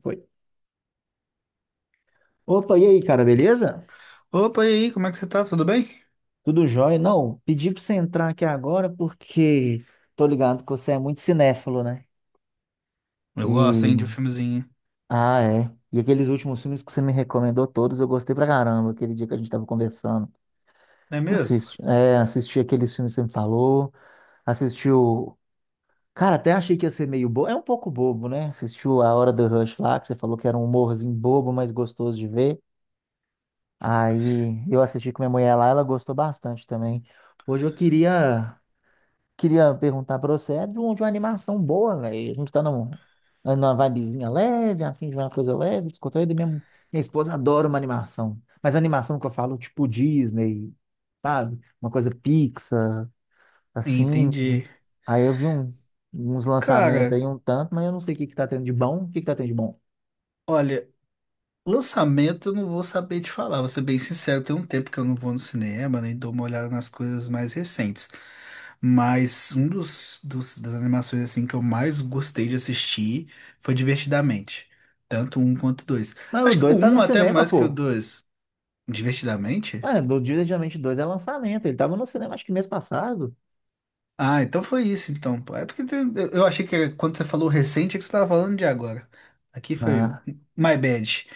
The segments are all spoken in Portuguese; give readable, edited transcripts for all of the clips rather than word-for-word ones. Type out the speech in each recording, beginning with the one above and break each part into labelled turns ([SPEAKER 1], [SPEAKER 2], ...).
[SPEAKER 1] Foi. Opa, e aí, cara, beleza?
[SPEAKER 2] Opa, e aí, como é que você tá? Tudo bem?
[SPEAKER 1] Tudo jóia? Não, pedi pra você entrar aqui agora porque tô ligado que você é muito cinéfilo, né?
[SPEAKER 2] Eu gosto, hein, de um
[SPEAKER 1] E.
[SPEAKER 2] filmezinho.
[SPEAKER 1] Ah, é. E aqueles últimos filmes que você me recomendou todos, eu gostei pra caramba, aquele dia que a gente tava conversando.
[SPEAKER 2] Não é mesmo?
[SPEAKER 1] Assisti aqueles filmes que você me falou, assistiu. Cara, até achei que ia ser meio bobo. É um pouco bobo, né? Assistiu A Hora do Rush lá, que você falou que era um humorzinho bobo, mas gostoso de ver. Aí eu assisti com minha mulher lá, ela gostou bastante também. Hoje eu queria perguntar pra você, de uma animação boa, velho. A gente tá numa vibezinha leve, afim de uma coisa leve, descontraída. Minha esposa adora uma animação. Mas animação que eu falo, tipo Disney, sabe? Uma coisa Pixar, assim.
[SPEAKER 2] Entendi.
[SPEAKER 1] Aí eu vi uns lançamentos
[SPEAKER 2] Cara,
[SPEAKER 1] aí um tanto, mas eu não sei o que que tá tendo de bom. O que que tá tendo de bom?
[SPEAKER 2] olha, lançamento eu não vou saber te falar, vou ser bem sincero, tem um tempo que eu não vou no cinema, nem dou uma olhada nas coisas mais recentes. Mas um dos das animações assim que eu mais gostei de assistir foi Divertidamente. Tanto o um quanto o dois.
[SPEAKER 1] Mas o
[SPEAKER 2] Acho que
[SPEAKER 1] dois
[SPEAKER 2] o
[SPEAKER 1] tá no
[SPEAKER 2] um até
[SPEAKER 1] cinema,
[SPEAKER 2] mais que o
[SPEAKER 1] pô.
[SPEAKER 2] dois. Divertidamente?
[SPEAKER 1] Mano, o Diligence dois é lançamento. Ele tava no cinema acho que mês passado.
[SPEAKER 2] Ah, então foi isso, então, pô. É porque eu achei que era- quando você falou recente é que você estava falando de agora. Aqui foi o
[SPEAKER 1] Ah.
[SPEAKER 2] My Bad.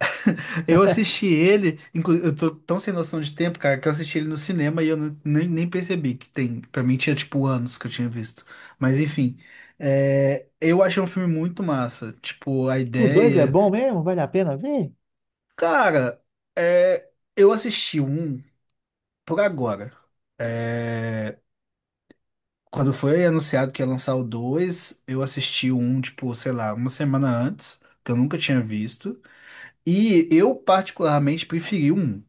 [SPEAKER 2] Eu assisti ele, inclu- eu tô tão sem noção de tempo, cara, que eu assisti ele no cinema e eu nem percebi que tem. Pra mim tinha tipo anos que eu tinha visto. Mas enfim, eu achei um filme muito massa. Tipo, a
[SPEAKER 1] O 2 é
[SPEAKER 2] ideia.
[SPEAKER 1] bom mesmo? Vale a pena ver?
[SPEAKER 2] Cara, é, eu assisti um por agora. É, Quando foi anunciado que ia lançar o 2 eu assisti o 1, tipo, sei lá, uma semana antes, que eu nunca tinha visto. E eu particularmente preferi o 1.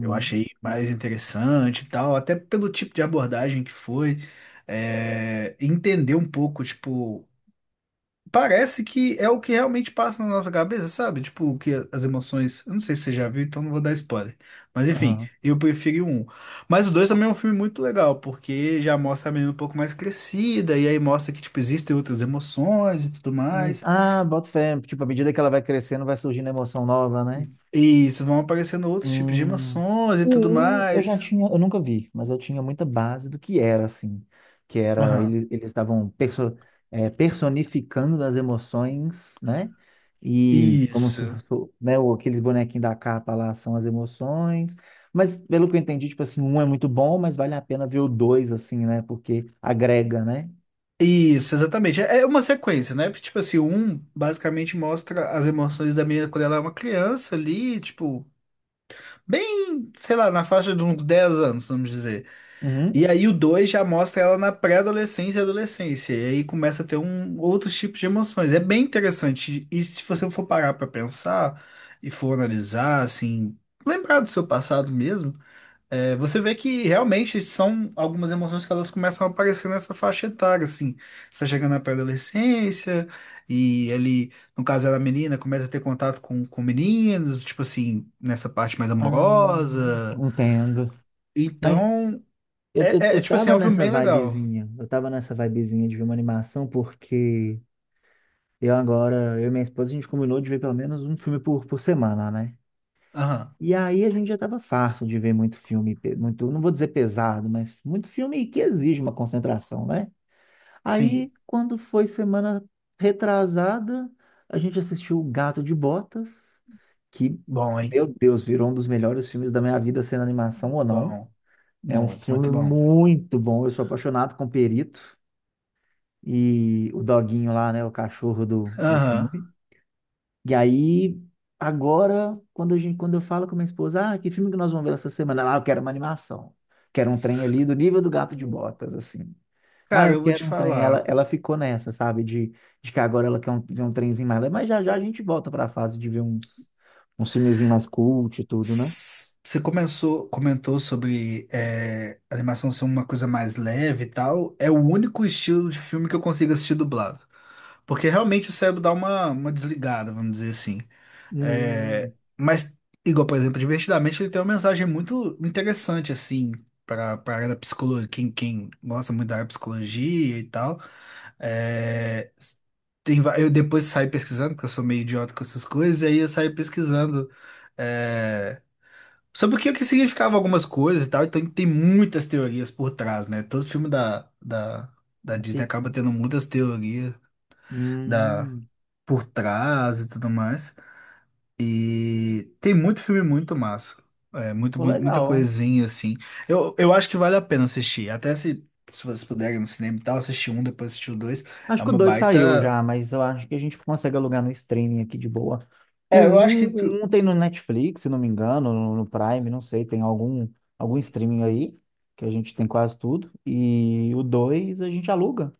[SPEAKER 2] Eu achei mais interessante e tal, até pelo tipo de abordagem que foi. Entender um pouco, tipo. Parece que é o que realmente passa na nossa cabeça, sabe? Tipo, o que as emoções. Eu não sei se você já viu, então não vou dar spoiler. Mas enfim,
[SPEAKER 1] Aham.
[SPEAKER 2] eu preferi o um. Mas o dois também é um filme muito legal, porque já mostra a menina um pouco mais crescida, e aí mostra que, tipo, existem outras emoções e tudo mais.
[SPEAKER 1] Ah, boto fé. Tipo, à medida que ela vai crescendo, vai surgindo emoção nova, né?
[SPEAKER 2] E isso vão aparecendo outros tipos de
[SPEAKER 1] Hum,
[SPEAKER 2] emoções e tudo
[SPEAKER 1] o um eu já
[SPEAKER 2] mais.
[SPEAKER 1] tinha, eu nunca vi, mas eu tinha muita base do que era, assim, que era,
[SPEAKER 2] Aham.
[SPEAKER 1] eles estavam personificando as emoções, né? E como se
[SPEAKER 2] Isso.
[SPEAKER 1] fosse, né, aqueles bonequinhos da capa lá são as emoções, mas pelo que eu entendi, tipo assim, um é muito bom, mas vale a pena ver o dois, assim, né? Porque agrega, né?
[SPEAKER 2] Isso, exatamente. É uma sequência, né? Porque, tipo assim, o um basicamente mostra as emoções da menina quando ela é uma criança ali, tipo. Bem, sei lá, na faixa de uns 10 anos, vamos dizer. E
[SPEAKER 1] Uhum.
[SPEAKER 2] aí o 2 já mostra ela na pré-adolescência e adolescência. E aí começa a ter um, outros tipos de emoções. É bem interessante. E se você for parar pra pensar e for analisar, assim, lembrar do seu passado mesmo, você vê que realmente são algumas emoções que elas começam a aparecer nessa faixa etária, assim. Você tá chegando na pré-adolescência, e ele, no caso ela é menina, começa a ter contato com meninos, tipo assim, nessa parte mais
[SPEAKER 1] Ah,
[SPEAKER 2] amorosa.
[SPEAKER 1] entendo. Mas
[SPEAKER 2] Então,
[SPEAKER 1] eu, eu, eu
[SPEAKER 2] tipo assim,
[SPEAKER 1] tava
[SPEAKER 2] é um filme
[SPEAKER 1] nessa
[SPEAKER 2] bem legal.
[SPEAKER 1] vibezinha, eu tava nessa vibezinha de ver uma animação porque eu agora, eu e minha esposa, a gente combinou de ver pelo menos um filme por semana, né?
[SPEAKER 2] Aham,
[SPEAKER 1] E aí a gente já tava farto de ver muito filme, muito, não vou dizer pesado, mas muito filme que exige uma concentração, né? Aí,
[SPEAKER 2] sim.
[SPEAKER 1] quando foi semana retrasada, a gente assistiu O Gato de Botas, que,
[SPEAKER 2] Bom, hein?
[SPEAKER 1] meu Deus, virou um dos melhores filmes da minha vida, sendo animação ou não.
[SPEAKER 2] Bom,
[SPEAKER 1] É um
[SPEAKER 2] bom, muito
[SPEAKER 1] filme
[SPEAKER 2] bom.
[SPEAKER 1] muito bom, eu sou apaixonado com o Perito e o doguinho lá, né? O cachorro do
[SPEAKER 2] Aham.
[SPEAKER 1] filme. E aí, agora, quando eu falo com minha esposa, ah, que filme que nós vamos ver essa semana? Ela, ah, eu quero uma animação. Quero um trem ali do nível do Gato de Botas, assim. Ah,
[SPEAKER 2] Cara,
[SPEAKER 1] eu
[SPEAKER 2] eu vou te
[SPEAKER 1] quero um trem. Ela,
[SPEAKER 2] falar.
[SPEAKER 1] ela ficou nessa, sabe? De que agora ela quer ver um trenzinho mais leve, mas já já a gente volta para a fase de ver uns filmezinhos mais cult e tudo, né?
[SPEAKER 2] S- Você começou, comentou sobre animação ser uma coisa mais leve e tal. É o único estilo de filme que eu consigo assistir dublado. Porque realmente o cérebro dá uma desligada, vamos dizer assim. É,
[SPEAKER 1] Hum,
[SPEAKER 2] mas, igual, por exemplo, Divertidamente, ele tem uma mensagem muito interessante, assim, para a área da psicologia, quem gosta muito da área de psicologia e tal. É, tem, va- eu depois saí pesquisando, porque eu sou meio idiota com essas coisas, e aí eu saí pesquisando. é, sobre o que significava algumas coisas e tal, então tem muitas teorias por trás, né? Todo filme da
[SPEAKER 1] da
[SPEAKER 2] Disney
[SPEAKER 1] Pixar.
[SPEAKER 2] acaba tendo muitas teorias da,
[SPEAKER 1] Hum,
[SPEAKER 2] por trás e tudo mais. E tem muito filme muito massa. É,
[SPEAKER 1] pô,
[SPEAKER 2] muita
[SPEAKER 1] legal.
[SPEAKER 2] coisinha assim. Eu acho que vale a pena assistir. Até se, se vocês puderem no cinema e tal, assistir um, depois assistir o dois.
[SPEAKER 1] Acho
[SPEAKER 2] É
[SPEAKER 1] que o
[SPEAKER 2] uma
[SPEAKER 1] 2 saiu
[SPEAKER 2] baita.
[SPEAKER 1] já, mas eu acho que a gente consegue alugar no streaming aqui de boa. O
[SPEAKER 2] É, eu acho
[SPEAKER 1] um,
[SPEAKER 2] que.
[SPEAKER 1] o um tem no Netflix, se não me engano, no Prime, não sei, tem algum, algum streaming aí, que a gente tem quase tudo. E o 2 a gente aluga.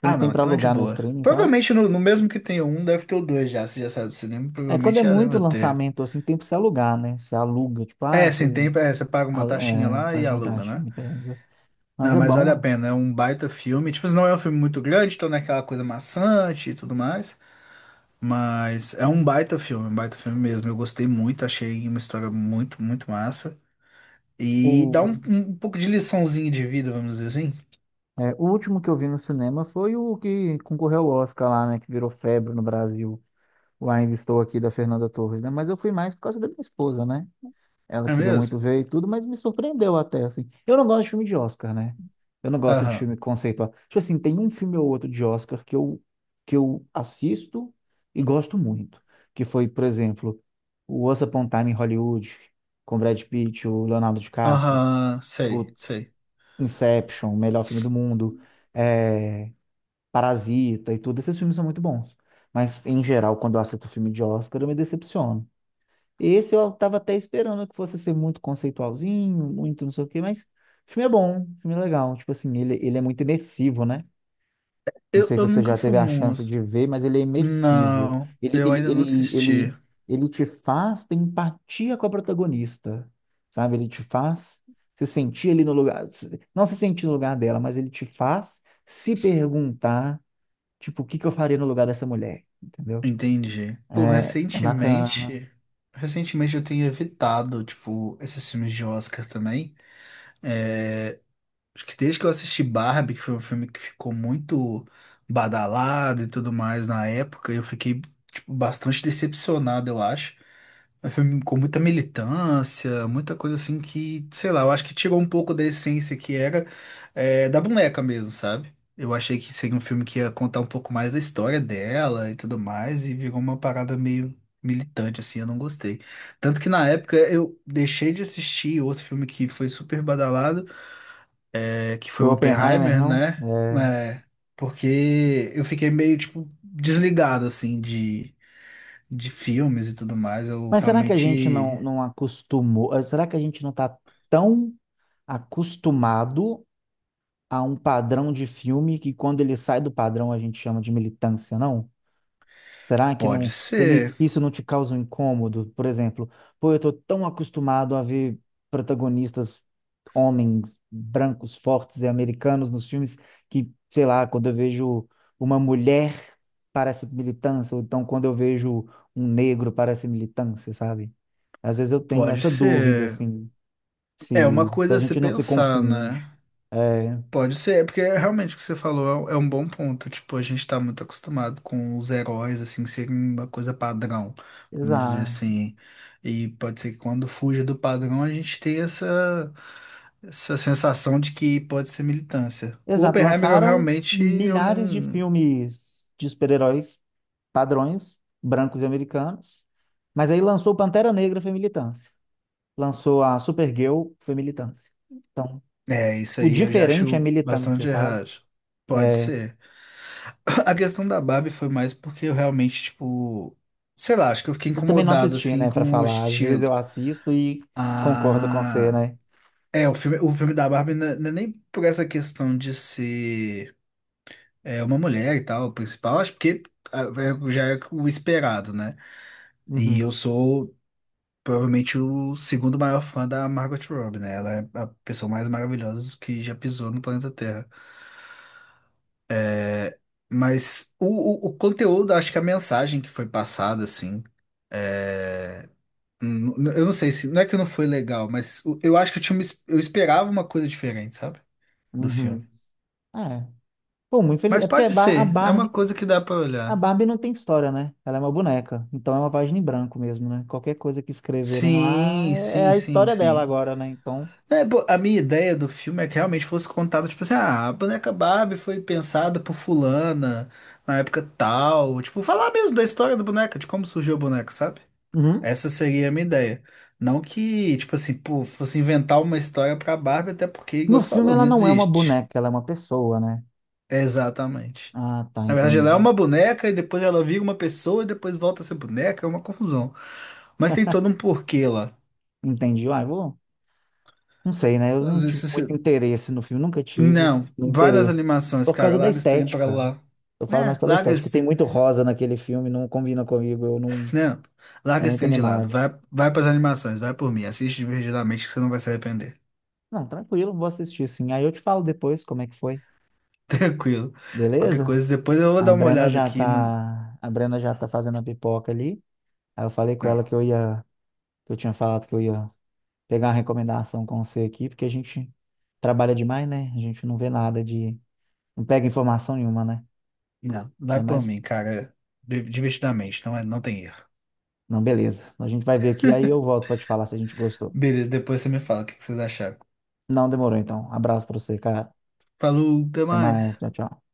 [SPEAKER 1] Tem,
[SPEAKER 2] Ah,
[SPEAKER 1] tem
[SPEAKER 2] não,
[SPEAKER 1] para
[SPEAKER 2] então é de
[SPEAKER 1] alugar no
[SPEAKER 2] boa.
[SPEAKER 1] streaming, sabe?
[SPEAKER 2] Provavelmente no mesmo que tem o um, deve ter o dois já. Se já sabe do cinema,
[SPEAKER 1] É, quando
[SPEAKER 2] provavelmente
[SPEAKER 1] é
[SPEAKER 2] já
[SPEAKER 1] muito
[SPEAKER 2] deve ter.
[SPEAKER 1] lançamento, assim, tem pra você alugar, né? Você aluga, tipo, ah,
[SPEAKER 2] É, sem
[SPEAKER 1] você
[SPEAKER 2] tempo, é, você paga uma taxinha lá e
[SPEAKER 1] paga uma
[SPEAKER 2] aluga,
[SPEAKER 1] taxa,
[SPEAKER 2] né?
[SPEAKER 1] me pega. Mas
[SPEAKER 2] Não,
[SPEAKER 1] é
[SPEAKER 2] mas vale
[SPEAKER 1] bom,
[SPEAKER 2] a
[SPEAKER 1] né?
[SPEAKER 2] pena, é um baita filme. Tipo, não é um filme muito grande, então não é aquela coisa maçante e tudo mais. Mas é um baita filme mesmo. Eu gostei muito, achei uma história muito, muito massa. E dá
[SPEAKER 1] O,
[SPEAKER 2] um, um pouco de liçãozinha de vida, vamos dizer assim.
[SPEAKER 1] o último que eu vi no cinema foi o que concorreu ao Oscar lá, né? Que virou febre no Brasil. O Ainda Estou Aqui da Fernanda Torres, né? Mas eu fui mais por causa da minha esposa, né? Ela
[SPEAKER 2] É
[SPEAKER 1] queria
[SPEAKER 2] mesmo?
[SPEAKER 1] muito ver e tudo, mas me surpreendeu até, assim. Eu não gosto de filme de Oscar, né? Eu não gosto de
[SPEAKER 2] Aham.
[SPEAKER 1] filme conceitual. Tipo assim, tem um filme ou outro de Oscar que eu assisto e gosto muito. Que foi, por exemplo, o Once Upon a Time em Hollywood, com Brad Pitt, o Leonardo DiCaprio.
[SPEAKER 2] Aham, sei,
[SPEAKER 1] Putz,
[SPEAKER 2] sei.
[SPEAKER 1] Inception, melhor filme do mundo. É, Parasita e tudo, esses filmes são muito bons. Mas, em geral, quando eu assisto filme de Oscar, eu me decepciono. Esse eu tava até esperando que fosse ser muito conceitualzinho, muito não sei o quê, mas o filme é bom, o filme é legal. Tipo assim, ele é muito imersivo, né? Não
[SPEAKER 2] Eu,
[SPEAKER 1] sei se
[SPEAKER 2] eu
[SPEAKER 1] você
[SPEAKER 2] nunca
[SPEAKER 1] já
[SPEAKER 2] fui
[SPEAKER 1] teve a chance
[SPEAKER 2] muito.
[SPEAKER 1] de ver, mas ele é imersivo.
[SPEAKER 2] Não,
[SPEAKER 1] Ele,
[SPEAKER 2] eu
[SPEAKER 1] ele,
[SPEAKER 2] ainda não
[SPEAKER 1] ele,
[SPEAKER 2] assisti.
[SPEAKER 1] ele, ele te faz ter empatia com a protagonista, sabe? Ele te faz se sentir ali no lugar, não se sentir no lugar dela, mas ele te faz se perguntar, tipo, o que que eu faria no lugar dessa mulher? Entendeu?
[SPEAKER 2] Entendi. Pô,
[SPEAKER 1] É, é bacana.
[SPEAKER 2] recentemente eu tenho evitado, tipo, esses filmes de Oscar também. É, acho que desde que eu assisti Barbie, que foi um filme que ficou muito badalado e tudo mais na época, eu fiquei, tipo, bastante decepcionado, eu acho. É um filme com muita militância, muita coisa assim que, sei lá, eu acho que tirou um pouco da essência que era da boneca mesmo, sabe? Eu achei que seria um filme que ia contar um pouco mais da história dela e tudo mais, e virou uma parada meio militante, assim, eu não gostei. Tanto que na época eu deixei de assistir outro filme que foi super badalado, que foi
[SPEAKER 1] Foi
[SPEAKER 2] o
[SPEAKER 1] Oppenheimer,
[SPEAKER 2] Oppenheimer,
[SPEAKER 1] não?
[SPEAKER 2] né?
[SPEAKER 1] É.
[SPEAKER 2] Porque eu fiquei meio, tipo, desligado, assim, de filmes e tudo mais. Eu
[SPEAKER 1] Mas será que a gente
[SPEAKER 2] realmente.
[SPEAKER 1] não acostumou? Será que a gente não tá tão acostumado a um padrão de filme que quando ele sai do padrão a gente chama de militância, não? Será que
[SPEAKER 2] Pode
[SPEAKER 1] não ele
[SPEAKER 2] ser,
[SPEAKER 1] isso não te causa um incômodo? Por exemplo, pô, eu tô tão acostumado a ver protagonistas homens brancos, fortes e americanos nos filmes que, sei lá, quando eu vejo uma mulher parece militância, ou então quando eu vejo um negro parece militância, sabe? Às vezes eu tenho
[SPEAKER 2] pode
[SPEAKER 1] essa dúvida
[SPEAKER 2] ser.
[SPEAKER 1] assim,
[SPEAKER 2] É uma
[SPEAKER 1] se
[SPEAKER 2] coisa
[SPEAKER 1] a
[SPEAKER 2] a se
[SPEAKER 1] gente não se
[SPEAKER 2] pensar,
[SPEAKER 1] confunde.
[SPEAKER 2] né?
[SPEAKER 1] É,
[SPEAKER 2] Pode ser, é porque realmente o que você falou é um bom ponto. Tipo, a gente tá muito acostumado com os heróis, assim, serem uma coisa padrão, vamos dizer
[SPEAKER 1] exato.
[SPEAKER 2] assim. E pode ser que quando fuja do padrão, a gente tenha essa, essa sensação de que pode ser militância. O
[SPEAKER 1] Exato,
[SPEAKER 2] Oppenheimer, eu
[SPEAKER 1] lançaram
[SPEAKER 2] realmente, eu
[SPEAKER 1] milhares de
[SPEAKER 2] não...
[SPEAKER 1] filmes de super-heróis padrões, brancos e americanos, mas aí lançou Pantera Negra foi militância, lançou a Supergirl foi militância.
[SPEAKER 2] É, isso
[SPEAKER 1] O
[SPEAKER 2] aí eu já
[SPEAKER 1] diferente é
[SPEAKER 2] acho
[SPEAKER 1] militância,
[SPEAKER 2] bastante
[SPEAKER 1] sabe?
[SPEAKER 2] errado. Pode ser. A questão da Barbie foi mais porque eu realmente, tipo, sei lá, acho que eu fiquei
[SPEAKER 1] Eu também não
[SPEAKER 2] incomodado
[SPEAKER 1] assisti,
[SPEAKER 2] assim
[SPEAKER 1] né, pra
[SPEAKER 2] com o
[SPEAKER 1] falar. Às vezes
[SPEAKER 2] estilo.
[SPEAKER 1] eu assisto e concordo com você,
[SPEAKER 2] Ah,
[SPEAKER 1] né?
[SPEAKER 2] é, o filme da Barbie não é nem por essa questão de ser uma mulher e tal, o principal, acho porque ah, é- já é o esperado, né? E
[SPEAKER 1] Uhum,
[SPEAKER 2] eu sou provavelmente o segundo maior fã da Margot Robbie, né? Ela é a pessoa mais maravilhosa que já pisou no planeta Terra. Mas o conteúdo, acho que a mensagem que foi passada, assim. é, Eu não sei se. Não é que não foi legal, mas eu acho que eu tinha uma eu esperava uma coisa diferente, sabe? Do filme.
[SPEAKER 1] uhum. É. Pô, muito feliz.
[SPEAKER 2] Mas
[SPEAKER 1] É porque a
[SPEAKER 2] pode
[SPEAKER 1] Bar- a
[SPEAKER 2] ser, é uma
[SPEAKER 1] Barbie,
[SPEAKER 2] coisa que dá pra
[SPEAKER 1] A
[SPEAKER 2] olhar.
[SPEAKER 1] Barbie não tem história, né? Ela é uma boneca. Então é uma página em branco mesmo, né? Qualquer coisa que escreverem lá
[SPEAKER 2] Sim,
[SPEAKER 1] é
[SPEAKER 2] sim,
[SPEAKER 1] a
[SPEAKER 2] sim,
[SPEAKER 1] história dela
[SPEAKER 2] sim.
[SPEAKER 1] agora, né? Então.
[SPEAKER 2] É, pô, a minha ideia do filme é que realmente fosse contado, tipo assim, ah, a boneca Barbie foi pensada por fulana na época tal. Tipo, falar mesmo da história da boneca, de como surgiu a boneca, sabe?
[SPEAKER 1] Uhum.
[SPEAKER 2] Essa seria a minha ideia. Não que, tipo assim, pô, fosse inventar uma história pra Barbie, até porque,
[SPEAKER 1] No
[SPEAKER 2] igual você
[SPEAKER 1] filme
[SPEAKER 2] falou, não
[SPEAKER 1] ela não é uma
[SPEAKER 2] existe.
[SPEAKER 1] boneca, ela é uma pessoa, né?
[SPEAKER 2] Exatamente.
[SPEAKER 1] Ah, tá,
[SPEAKER 2] Na verdade, ela é
[SPEAKER 1] entendi.
[SPEAKER 2] uma boneca e depois ela vira uma pessoa e depois volta a ser boneca, é uma confusão. Mas tem todo um porquê lá.
[SPEAKER 1] Entendi. Ah, eu vou. Não sei, né? Eu não
[SPEAKER 2] Às vezes
[SPEAKER 1] tive muito
[SPEAKER 2] você...
[SPEAKER 1] interesse no filme, nunca tive
[SPEAKER 2] Não, vai nas
[SPEAKER 1] interesse.
[SPEAKER 2] animações,
[SPEAKER 1] Por
[SPEAKER 2] cara,
[SPEAKER 1] causa da
[SPEAKER 2] larga esse trem pra
[SPEAKER 1] estética.
[SPEAKER 2] lá.
[SPEAKER 1] Eu falo mais
[SPEAKER 2] Né,
[SPEAKER 1] pela
[SPEAKER 2] larga
[SPEAKER 1] estética. Tem
[SPEAKER 2] esse...
[SPEAKER 1] muito rosa naquele filme, não combina comigo, eu não.
[SPEAKER 2] Não,
[SPEAKER 1] É
[SPEAKER 2] larga esse
[SPEAKER 1] muito
[SPEAKER 2] trem de lado,
[SPEAKER 1] animado.
[SPEAKER 2] vai, vai pras animações, vai por mim, assiste divertidamente que você não vai se arrepender.
[SPEAKER 1] Não, tranquilo, vou assistir sim. Aí eu te falo depois como é que foi.
[SPEAKER 2] Tranquilo. Qualquer
[SPEAKER 1] Beleza?
[SPEAKER 2] coisa, depois eu vou
[SPEAKER 1] A
[SPEAKER 2] dar uma
[SPEAKER 1] Brena
[SPEAKER 2] olhada
[SPEAKER 1] já
[SPEAKER 2] aqui, no-
[SPEAKER 1] tá, a Brena já tá fazendo a pipoca ali. Aí eu falei com
[SPEAKER 2] Não,
[SPEAKER 1] ela que eu ia, que eu tinha falado que eu ia pegar uma recomendação com você aqui, porque a gente trabalha demais, né? A gente não vê nada de, não pega informação nenhuma, né?
[SPEAKER 2] não,
[SPEAKER 1] Ainda
[SPEAKER 2] vai por
[SPEAKER 1] mais,
[SPEAKER 2] mim, cara, divertidamente, não, é, não tem erro.
[SPEAKER 1] não, beleza. A gente vai ver aqui, aí eu volto pra te falar se a gente gostou.
[SPEAKER 2] Beleza, depois você me fala o que que vocês acharam.
[SPEAKER 1] Não demorou então. Abraço pra você, cara.
[SPEAKER 2] Falou, até
[SPEAKER 1] Até mais,
[SPEAKER 2] mais.
[SPEAKER 1] tchau, tchau.